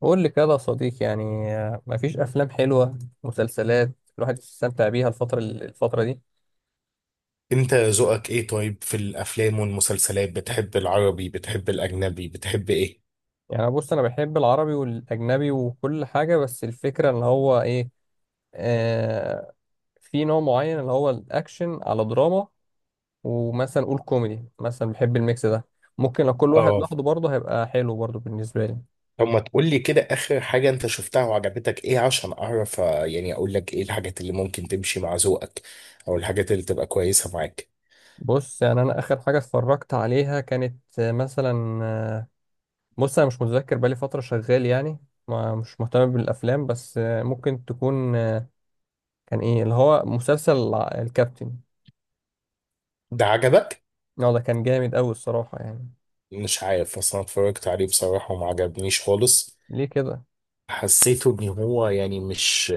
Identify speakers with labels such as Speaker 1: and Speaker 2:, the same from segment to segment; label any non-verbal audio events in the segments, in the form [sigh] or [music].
Speaker 1: قول لي كده يا صديقي، يعني مفيش افلام حلوه، مسلسلات الواحد يستمتع بيها الفتره دي.
Speaker 2: انت ذوقك ايه؟ طيب في الافلام والمسلسلات، بتحب العربي، بتحب الاجنبي، بتحب ايه؟
Speaker 1: يعني بص، انا بحب العربي والاجنبي وكل حاجه، بس الفكره ان هو ايه. آه في نوع معين اللي هو الاكشن على دراما، ومثلا قول كوميدي، مثلا بحب الميكس ده. ممكن لو كل واحد
Speaker 2: اه.
Speaker 1: لوحده برضه هيبقى حلو برضه بالنسبه لي.
Speaker 2: طب ما تقول لي كده اخر حاجة انت شفتها وعجبتك ايه عشان اعرف، يعني اقول لك ايه الحاجات اللي ممكن تمشي مع ذوقك، او الحاجات اللي تبقى كويسة معاك.
Speaker 1: بص، يعني انا اخر حاجه اتفرجت عليها كانت مثلا. بص، انا مش متذكر، بقالي فتره شغال يعني، ما مش مهتم بالافلام، بس ممكن تكون كان ايه اللي هو مسلسل الكابتن.
Speaker 2: ده عجبك؟
Speaker 1: اه، ده كان جامد قوي الصراحه يعني.
Speaker 2: مش عارف اصلا، اتفرجت عليه بصراحة وما عجبنيش خالص.
Speaker 1: ليه كده؟
Speaker 2: حسيته ان هو يعني مش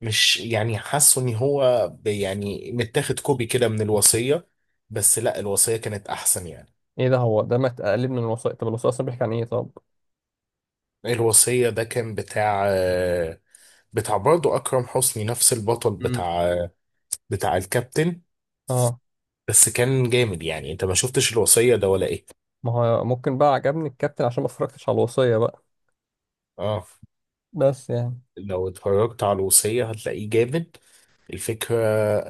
Speaker 2: مش يعني حاسه ان هو يعني متاخد كوبي كده من الوصية. بس لا، الوصية كانت احسن يعني.
Speaker 1: ايه ده؟ هو ده ما اقلب من الوثائق؟ طب الوثائق اصلا بيحكي عن ايه طب؟
Speaker 2: الوصية ده كان بتاع بتاع برضه أكرم حسني، نفس البطل
Speaker 1: مم.
Speaker 2: بتاع الكابتن.
Speaker 1: اه،
Speaker 2: بس كان جامد يعني. أنت ما شفتش الوصية ده ولا إيه؟
Speaker 1: ما هو ممكن بقى عجبني الكابتن عشان ما اتفرجتش على الوصيه بقى.
Speaker 2: آه.
Speaker 1: بس يعني.
Speaker 2: لو اتفرجت على الوصية هتلاقيه جامد. الفكرة،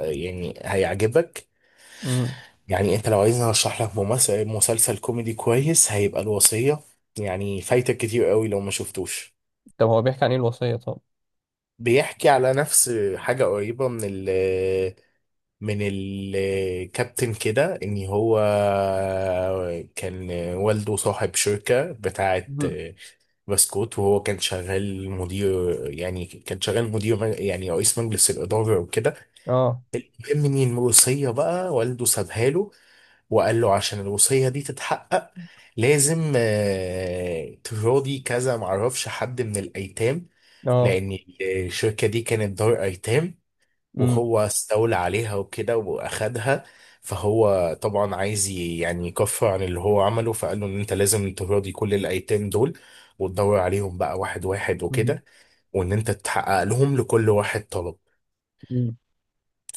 Speaker 2: يعني هيعجبك.
Speaker 1: امم.
Speaker 2: يعني أنت لو عايزني أرشح لك ممثل مسلسل كوميدي كويس، هيبقى الوصية. يعني فايتك كتير قوي لو ما شفتوش.
Speaker 1: طب هو بيحكي عن ايه الوصيه طب؟
Speaker 2: بيحكي على نفس حاجة قريبة من ال من الكابتن كده، ان هو كان والده صاحب شركة بتاعة
Speaker 1: مم.
Speaker 2: بسكوت، وهو كان شغال مدير، يعني رئيس مجلس الإدارة وكده.
Speaker 1: اه.
Speaker 2: المهم ان الوصية بقى والده سابها له، وقال له عشان الوصية دي تتحقق لازم تراضي كذا، معرفش حد من الأيتام،
Speaker 1: اه.
Speaker 2: لأن الشركة دي كانت دار أيتام،
Speaker 1: امم.
Speaker 2: وهو استولى عليها وكده واخدها. فهو طبعا عايز يعني يكفر عن اللي هو عمله، فقال له ان انت لازم تراضي كل الايتام دول، وتدور عليهم بقى واحد واحد
Speaker 1: امم.
Speaker 2: وكده، وان انت تحقق لهم لكل واحد طلب.
Speaker 1: امم.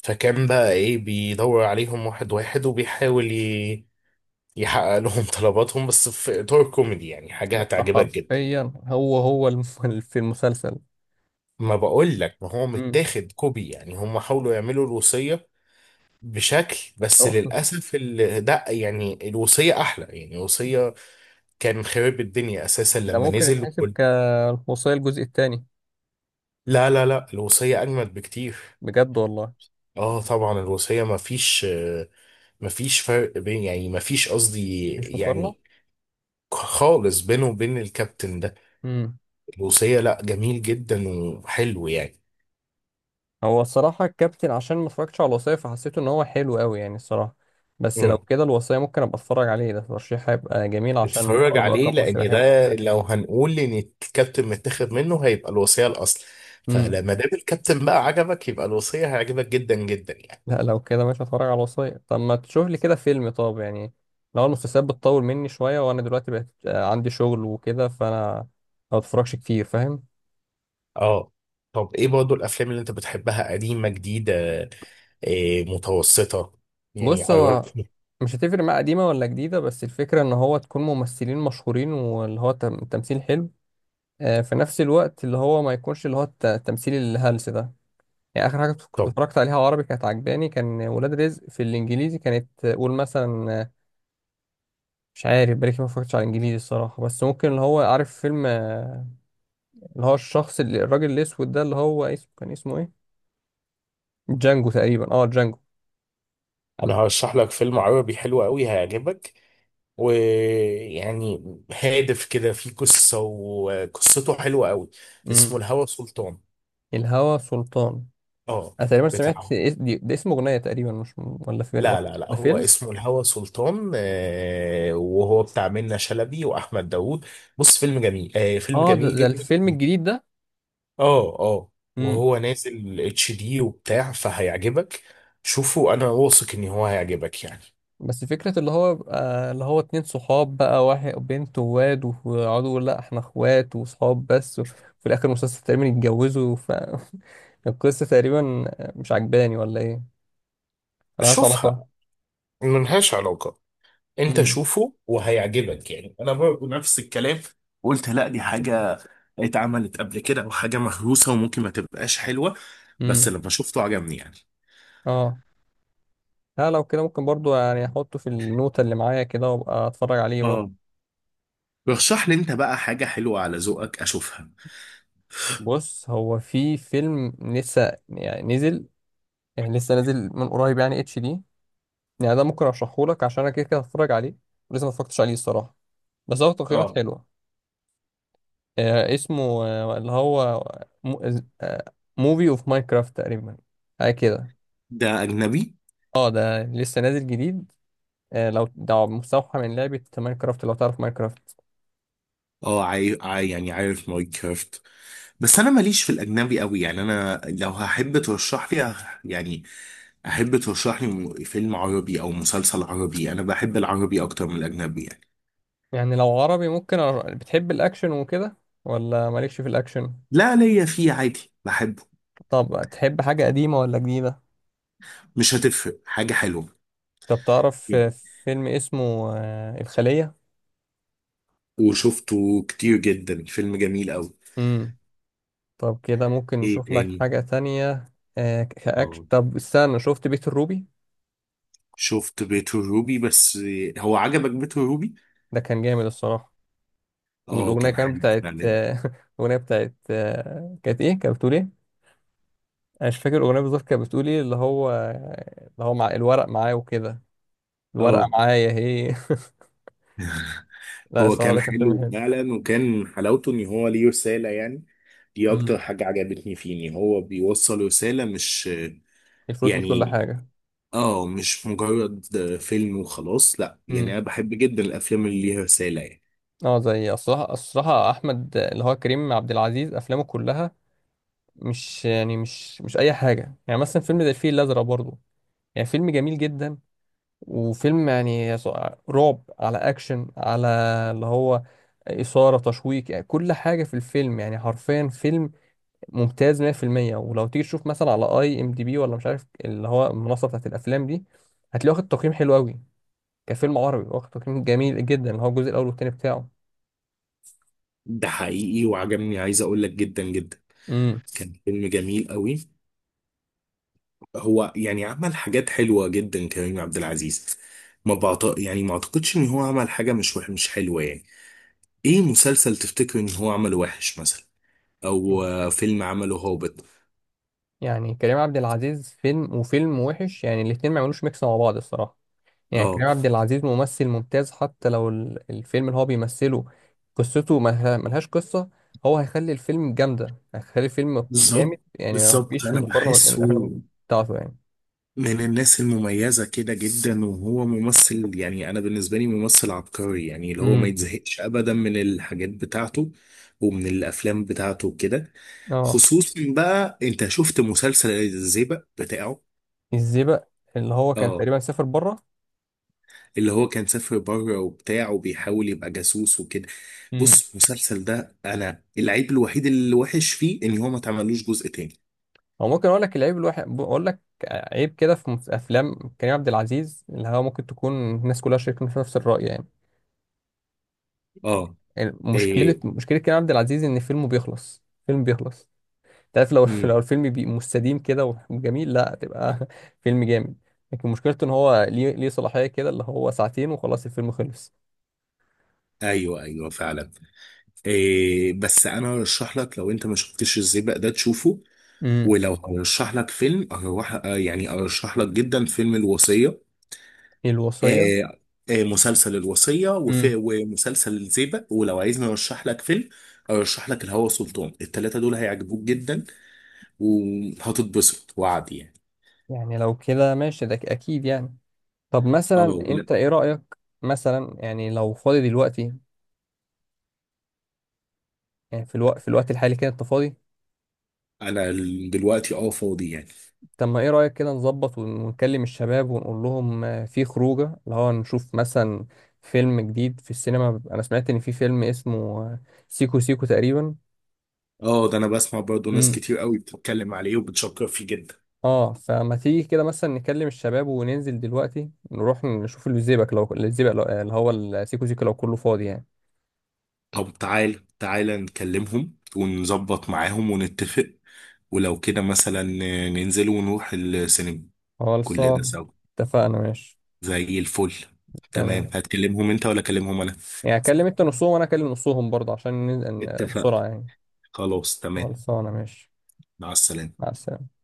Speaker 2: فكان بقى ايه بيدور عليهم واحد واحد، وبيحاول يحقق لهم [laughs] طلباتهم، بس في اطار كوميدي. يعني حاجة
Speaker 1: ده
Speaker 2: هتعجبك جدا.
Speaker 1: حرفيا هو [laughs] في المسلسل.
Speaker 2: ما بقول لك، ما هو متاخد كوبي يعني. هم حاولوا يعملوا الوصية بشكل، بس
Speaker 1: امم.
Speaker 2: للاسف ده يعني الوصيه احلى يعني. الوصيه كان خرب الدنيا اساسا
Speaker 1: ده
Speaker 2: لما
Speaker 1: ممكن
Speaker 2: نزل
Speaker 1: يتحسب كالمصرية الجزء الثاني.
Speaker 2: لا، لا، لا، الوصيه اجمد بكتير.
Speaker 1: بجد والله؟
Speaker 2: اه طبعا. الوصيه ما فيش فرق بين، يعني ما فيش، قصدي
Speaker 1: مش مقارنة.
Speaker 2: يعني، خالص بينه وبين الكابتن ده.
Speaker 1: امم.
Speaker 2: الوصيه لا، جميل جدا وحلو يعني.
Speaker 1: هو الصراحة الكابتن عشان ما اتفرجتش على الوصية فحسيته ان هو حلو قوي يعني الصراحة. بس لو كده الوصية ممكن ابقى اتفرج عليه، ده ترشيح هيبقى جميل عشان
Speaker 2: اتفرج
Speaker 1: برضه
Speaker 2: عليه
Speaker 1: اكرم حسني
Speaker 2: لان
Speaker 1: بحبه.
Speaker 2: ده، لو هنقول ان الكابتن متاخد منه، هيبقى الوصية الاصل.
Speaker 1: امم.
Speaker 2: فلما دام الكابتن بقى عجبك، يبقى الوصية هيعجبك جدا جدا يعني.
Speaker 1: لا، لو كده مش هتفرج على الوصية. طب ما تشوف لي كده فيلم طب يعني. لو المسلسلات بتطول مني شوية، وانا دلوقتي بقت عندي شغل وكده، فانا ما بتفرجش كتير، فاهم؟
Speaker 2: اه. طب ايه برضه الافلام اللي انت بتحبها؟ قديمة، جديدة، إيه، متوسطة؟ يعني
Speaker 1: بص، هو
Speaker 2: عرفني.
Speaker 1: مش هتفرق مع قديمة ولا جديدة، بس الفكرة ان هو تكون ممثلين مشهورين، واللي هو تمثيل حلو في نفس الوقت اللي هو ما يكونش اللي هو التمثيل الهلس ده. يعني اخر حاجة كنت
Speaker 2: طب
Speaker 1: اتفرجت عليها عربي كانت عجباني كان ولاد رزق، في الانجليزي كانت قول مثلا مش عارف بالك ما اتفرجتش على الانجليزي الصراحة، بس ممكن اللي هو عارف فيلم اللي هو الشخص اللي الراجل الاسود ده، اللي هو اسمه كان اسمه ايه؟ جانجو تقريبا. اه، جانجو.
Speaker 2: انا هرشح لك فيلم عربي حلو قوي هيعجبك، ويعني هادف كده فيه قصة وقصته حلوة قوي. اسمه
Speaker 1: امم.
Speaker 2: الهوى سلطان.
Speaker 1: الهوى سلطان.
Speaker 2: اه.
Speaker 1: انا تقريبا سمعت
Speaker 2: بتاع
Speaker 1: ده اسمه اغنيه تقريبا، مش ولا فيلم ولا.
Speaker 2: لا، لا، لا،
Speaker 1: ده
Speaker 2: هو
Speaker 1: فيلم؟
Speaker 2: اسمه الهوى سلطان، وهو بتاع منة شلبي واحمد داوود. بص، فيلم
Speaker 1: اه، ده,
Speaker 2: جميل
Speaker 1: ده
Speaker 2: جدا.
Speaker 1: الفيلم الجديد ده.
Speaker 2: اه، اه.
Speaker 1: امم.
Speaker 2: وهو نازل HD وبتاع، فهيعجبك. شوفه، انا واثق ان هو هيعجبك يعني.
Speaker 1: بس فكره اللي هو بقى اللي هو اتنين صحاب، بقى واحد بنت وواد، ويقعدوا يقولوا لا احنا اخوات وصحاب بس، وفي الاخر المسلسل تقريبا يتجوزوا، ف [laughs] القصه تقريبا، مش عجباني ولا ايه؟ ملهاش
Speaker 2: شوفها،
Speaker 1: علاقه.
Speaker 2: ملهاش علاقة. انت
Speaker 1: امم.
Speaker 2: شوفه وهيعجبك يعني. انا برضه نفس الكلام، قلت لا، دي حاجة اتعملت قبل كده وحاجة مهروسة وممكن ما تبقاش حلوة. بس
Speaker 1: امم.
Speaker 2: لما شفته عجبني يعني.
Speaker 1: اه. لا، لو كده ممكن برضو يعني احطه في النوتة اللي معايا كده وابقى اتفرج عليه برضو.
Speaker 2: اه. رشح لي انت بقى حاجة حلوة على ذوقك اشوفها.
Speaker 1: بص، هو في فيلم لسه يعني نزل، يعني لسه نازل من قريب، يعني HD. يعني ده ممكن ارشحه لك عشان انا كده كده هتفرج عليه، ولسه ما اتفرجتش عليه الصراحه، بس هو تقييمات
Speaker 2: اه،
Speaker 1: حلوه. اسمه اللي هو موفي اوف ماينكرافت تقريبا، حاجه كده.
Speaker 2: ده اجنبي.
Speaker 1: اه، ده لسه نازل جديد. لو ده مستوحى من لعبه ماينكرافت، لو تعرف ماينكرافت.
Speaker 2: اه، يعني عارف ماينكرافت. بس انا ماليش في الاجنبي قوي يعني. انا لو هحب ترشح لي يعني احب ترشح لي فيلم عربي او مسلسل عربي. انا بحب العربي اكتر من الاجنبي يعني.
Speaker 1: يعني لو عربي ممكن بتحب الاكشن وكده ولا مالكش في الاكشن؟
Speaker 2: لا، ليا فيه عادي بحبه.
Speaker 1: طب تحب حاجه قديمه ولا جديده؟
Speaker 2: مش هتفرق، حاجة حلوة.
Speaker 1: طب تعرف فيلم اسمه الخليه؟
Speaker 2: وشفته كتير جدا، فيلم جميل قوي.
Speaker 1: مم. طب كده ممكن
Speaker 2: ايه
Speaker 1: نشوف لك
Speaker 2: تاني؟
Speaker 1: حاجة تانية. كأكشن،
Speaker 2: اه.
Speaker 1: طب استنى، شفت بيت الروبي؟
Speaker 2: شفت بيت الروبي بس. هو عجبك بيت الروبي؟
Speaker 1: ده كان جامد الصراحة.
Speaker 2: اه
Speaker 1: والأغنية
Speaker 2: كان
Speaker 1: كانت
Speaker 2: حلو
Speaker 1: بتاعت
Speaker 2: فعلا.
Speaker 1: [laughs] الأغنية بتاعت كانت إيه؟ كانت بتقول إيه؟ أنا مش فاكر الأغنية بالظبط كانت بتقول إيه، اللي هو مع الورق معايا وكده، الورقة
Speaker 2: اه،
Speaker 1: معايا هي. [laughs] لا،
Speaker 2: هو
Speaker 1: الصراحة
Speaker 2: كان
Speaker 1: ده كان فيلم
Speaker 2: حلو
Speaker 1: حلو.
Speaker 2: فعلا، وكان حلاوته ان هو ليه رسالة يعني. دي اكتر
Speaker 1: مم.
Speaker 2: حاجة عجبتني فيه، ان هو بيوصل رسالة مش
Speaker 1: الفلوس مش كل
Speaker 2: يعني
Speaker 1: حاجة.
Speaker 2: اه مش مجرد فيلم وخلاص. لا يعني،
Speaker 1: مم.
Speaker 2: انا بحب جدا الافلام اللي ليها رسالة يعني.
Speaker 1: اه، زي الصراحة أحمد اللي هو كريم عبد العزيز أفلامه كلها مش يعني مش أي حاجة. يعني مثلا فيلم زي الفيل الأزرق برضه يعني فيلم جميل جدا، وفيلم يعني رعب على اكشن على اللي هو اثاره تشويق، يعني كل حاجه في الفيلم، يعني حرفيا فيلم ممتاز 100%. ولو تيجي تشوف مثلا على IMDB ولا مش عارف اللي هو المنصه بتاعت الافلام دي، هتلاقيه واخد تقييم حلو قوي كفيلم عربي، واخد تقييم جميل جدا اللي هو الجزء الاول والثاني بتاعه.
Speaker 2: ده حقيقي وعجبني، عايز اقول لك جدا جدا.
Speaker 1: امم.
Speaker 2: كان فيلم جميل قوي. هو يعني عمل حاجات حلوة جدا كريم عبد العزيز. ما بعت... يعني ما اعتقدش ان هو عمل حاجة مش مش حلوة يعني. ايه مسلسل تفتكر ان هو عمله وحش مثلا؟ او فيلم عمله هابط؟
Speaker 1: يعني كريم عبد العزيز فيلم وفيلم وحش، يعني الاتنين ما يعملوش ميكس مع بعض الصراحه. يعني
Speaker 2: اه.
Speaker 1: كريم عبد العزيز ممثل ممتاز، حتى لو الفيلم اللي هو بيمثله قصته ملهاش قصة، هو هيخلي الفيلم جامدة، هيخلي الفيلم
Speaker 2: بالظبط،
Speaker 1: جامد، يعني
Speaker 2: بالظبط،
Speaker 1: مفيش
Speaker 2: انا
Speaker 1: مقارنة بين
Speaker 2: بحسه
Speaker 1: الأفلام بتاعته يعني.
Speaker 2: من الناس المميزه كده جدا. وهو ممثل يعني، انا بالنسبه لي ممثل عبقري يعني، اللي هو ما
Speaker 1: امم.
Speaker 2: يتزهقش ابدا من الحاجات بتاعته ومن الافلام بتاعته وكده.
Speaker 1: اه،
Speaker 2: خصوصا بقى انت شفت مسلسل الزيبق بتاعه.
Speaker 1: الزئبق، اللي هو كان
Speaker 2: اه،
Speaker 1: تقريبا سافر بره.
Speaker 2: اللي هو كان سافر بره وبتاع وبيحاول يبقى جاسوس وكده.
Speaker 1: امم.
Speaker 2: بص المسلسل ده، انا العيب الوحيد اللي وحش فيه ان هو ما اتعملوش جزء تاني.
Speaker 1: هو ممكن أقول لك العيب الواحد، أقول لك عيب كده في أفلام كريم عبد العزيز اللي هو ممكن تكون الناس كلها شايفين في نفس الرأي يعني.
Speaker 2: اه.
Speaker 1: يعني مشكلة
Speaker 2: إيه.
Speaker 1: مشكلة كريم عبد العزيز إن فيلمه بيخلص، فيلم بيخلص. تعرف لو [laughs] لو
Speaker 2: امم.
Speaker 1: الفيلم بي مستديم كده وجميل لا، تبقى [laughs] فيلم جامد. لكن مشكلته ان هو ليه صلاحية كده، اللي هو ساعتين وخلاص الفيلم خلص.
Speaker 2: ايوه، ايوه، فعلا. إيه، بس انا ارشح لك، لو انت ما شفتش الزيبق ده تشوفه.
Speaker 1: امم.
Speaker 2: ولو هرشح لك فيلم، أروح آه، يعني ارشح لك جدا فيلم الوصية.
Speaker 1: الوصية.
Speaker 2: آه، مسلسل الوصية
Speaker 1: امم.
Speaker 2: ومسلسل الزيبق. ولو عايزني ارشح لك فيلم، ارشح لك الهوى سلطان. التلاتة دول هيعجبوك جدا وهتتبسط وعدي يعني.
Speaker 1: يعني لو كده ماشي، ده اكيد يعني. طب
Speaker 2: اه.
Speaker 1: مثلا انت ايه رأيك؟ مثلا يعني لو فاضي دلوقتي، يعني في الوقت الحالي كده انت فاضي؟
Speaker 2: انا دلوقتي فاضي يعني.
Speaker 1: طب ما ايه رأيك كده نظبط ونكلم الشباب ونقول لهم في خروجه، اللي هو نشوف مثلا فيلم جديد في السينما. انا سمعت ان في فيلم اسمه سيكو سيكو تقريبا.
Speaker 2: اه، ده انا بسمع برضو ناس
Speaker 1: امم.
Speaker 2: كتير قوي بتتكلم عليه وبتشكر فيه جدا.
Speaker 1: اه، فما تيجي كده مثلا نكلم الشباب وننزل دلوقتي نروح نشوف الزيبق، لو الزيبق لو اللي هو السيكو سيكو، لو كله فاضي يعني.
Speaker 2: طب، تعال تعال نكلمهم ونظبط معاهم ونتفق. ولو كده مثلا ننزل ونروح السينما كلنا
Speaker 1: خلصان.
Speaker 2: سوا.
Speaker 1: اتفقنا ماشي.
Speaker 2: زي الفل. تمام،
Speaker 1: تمام.
Speaker 2: هتكلمهم انت ولا اكلمهم انا؟
Speaker 1: يعني اكلم انت نصهم وانا اكلم نصهم برضه عشان ننزل
Speaker 2: اتفقنا،
Speaker 1: بسرعة يعني.
Speaker 2: خلاص تمام.
Speaker 1: خلصانة ماشي.
Speaker 2: مع السلامة.
Speaker 1: مع السلامة.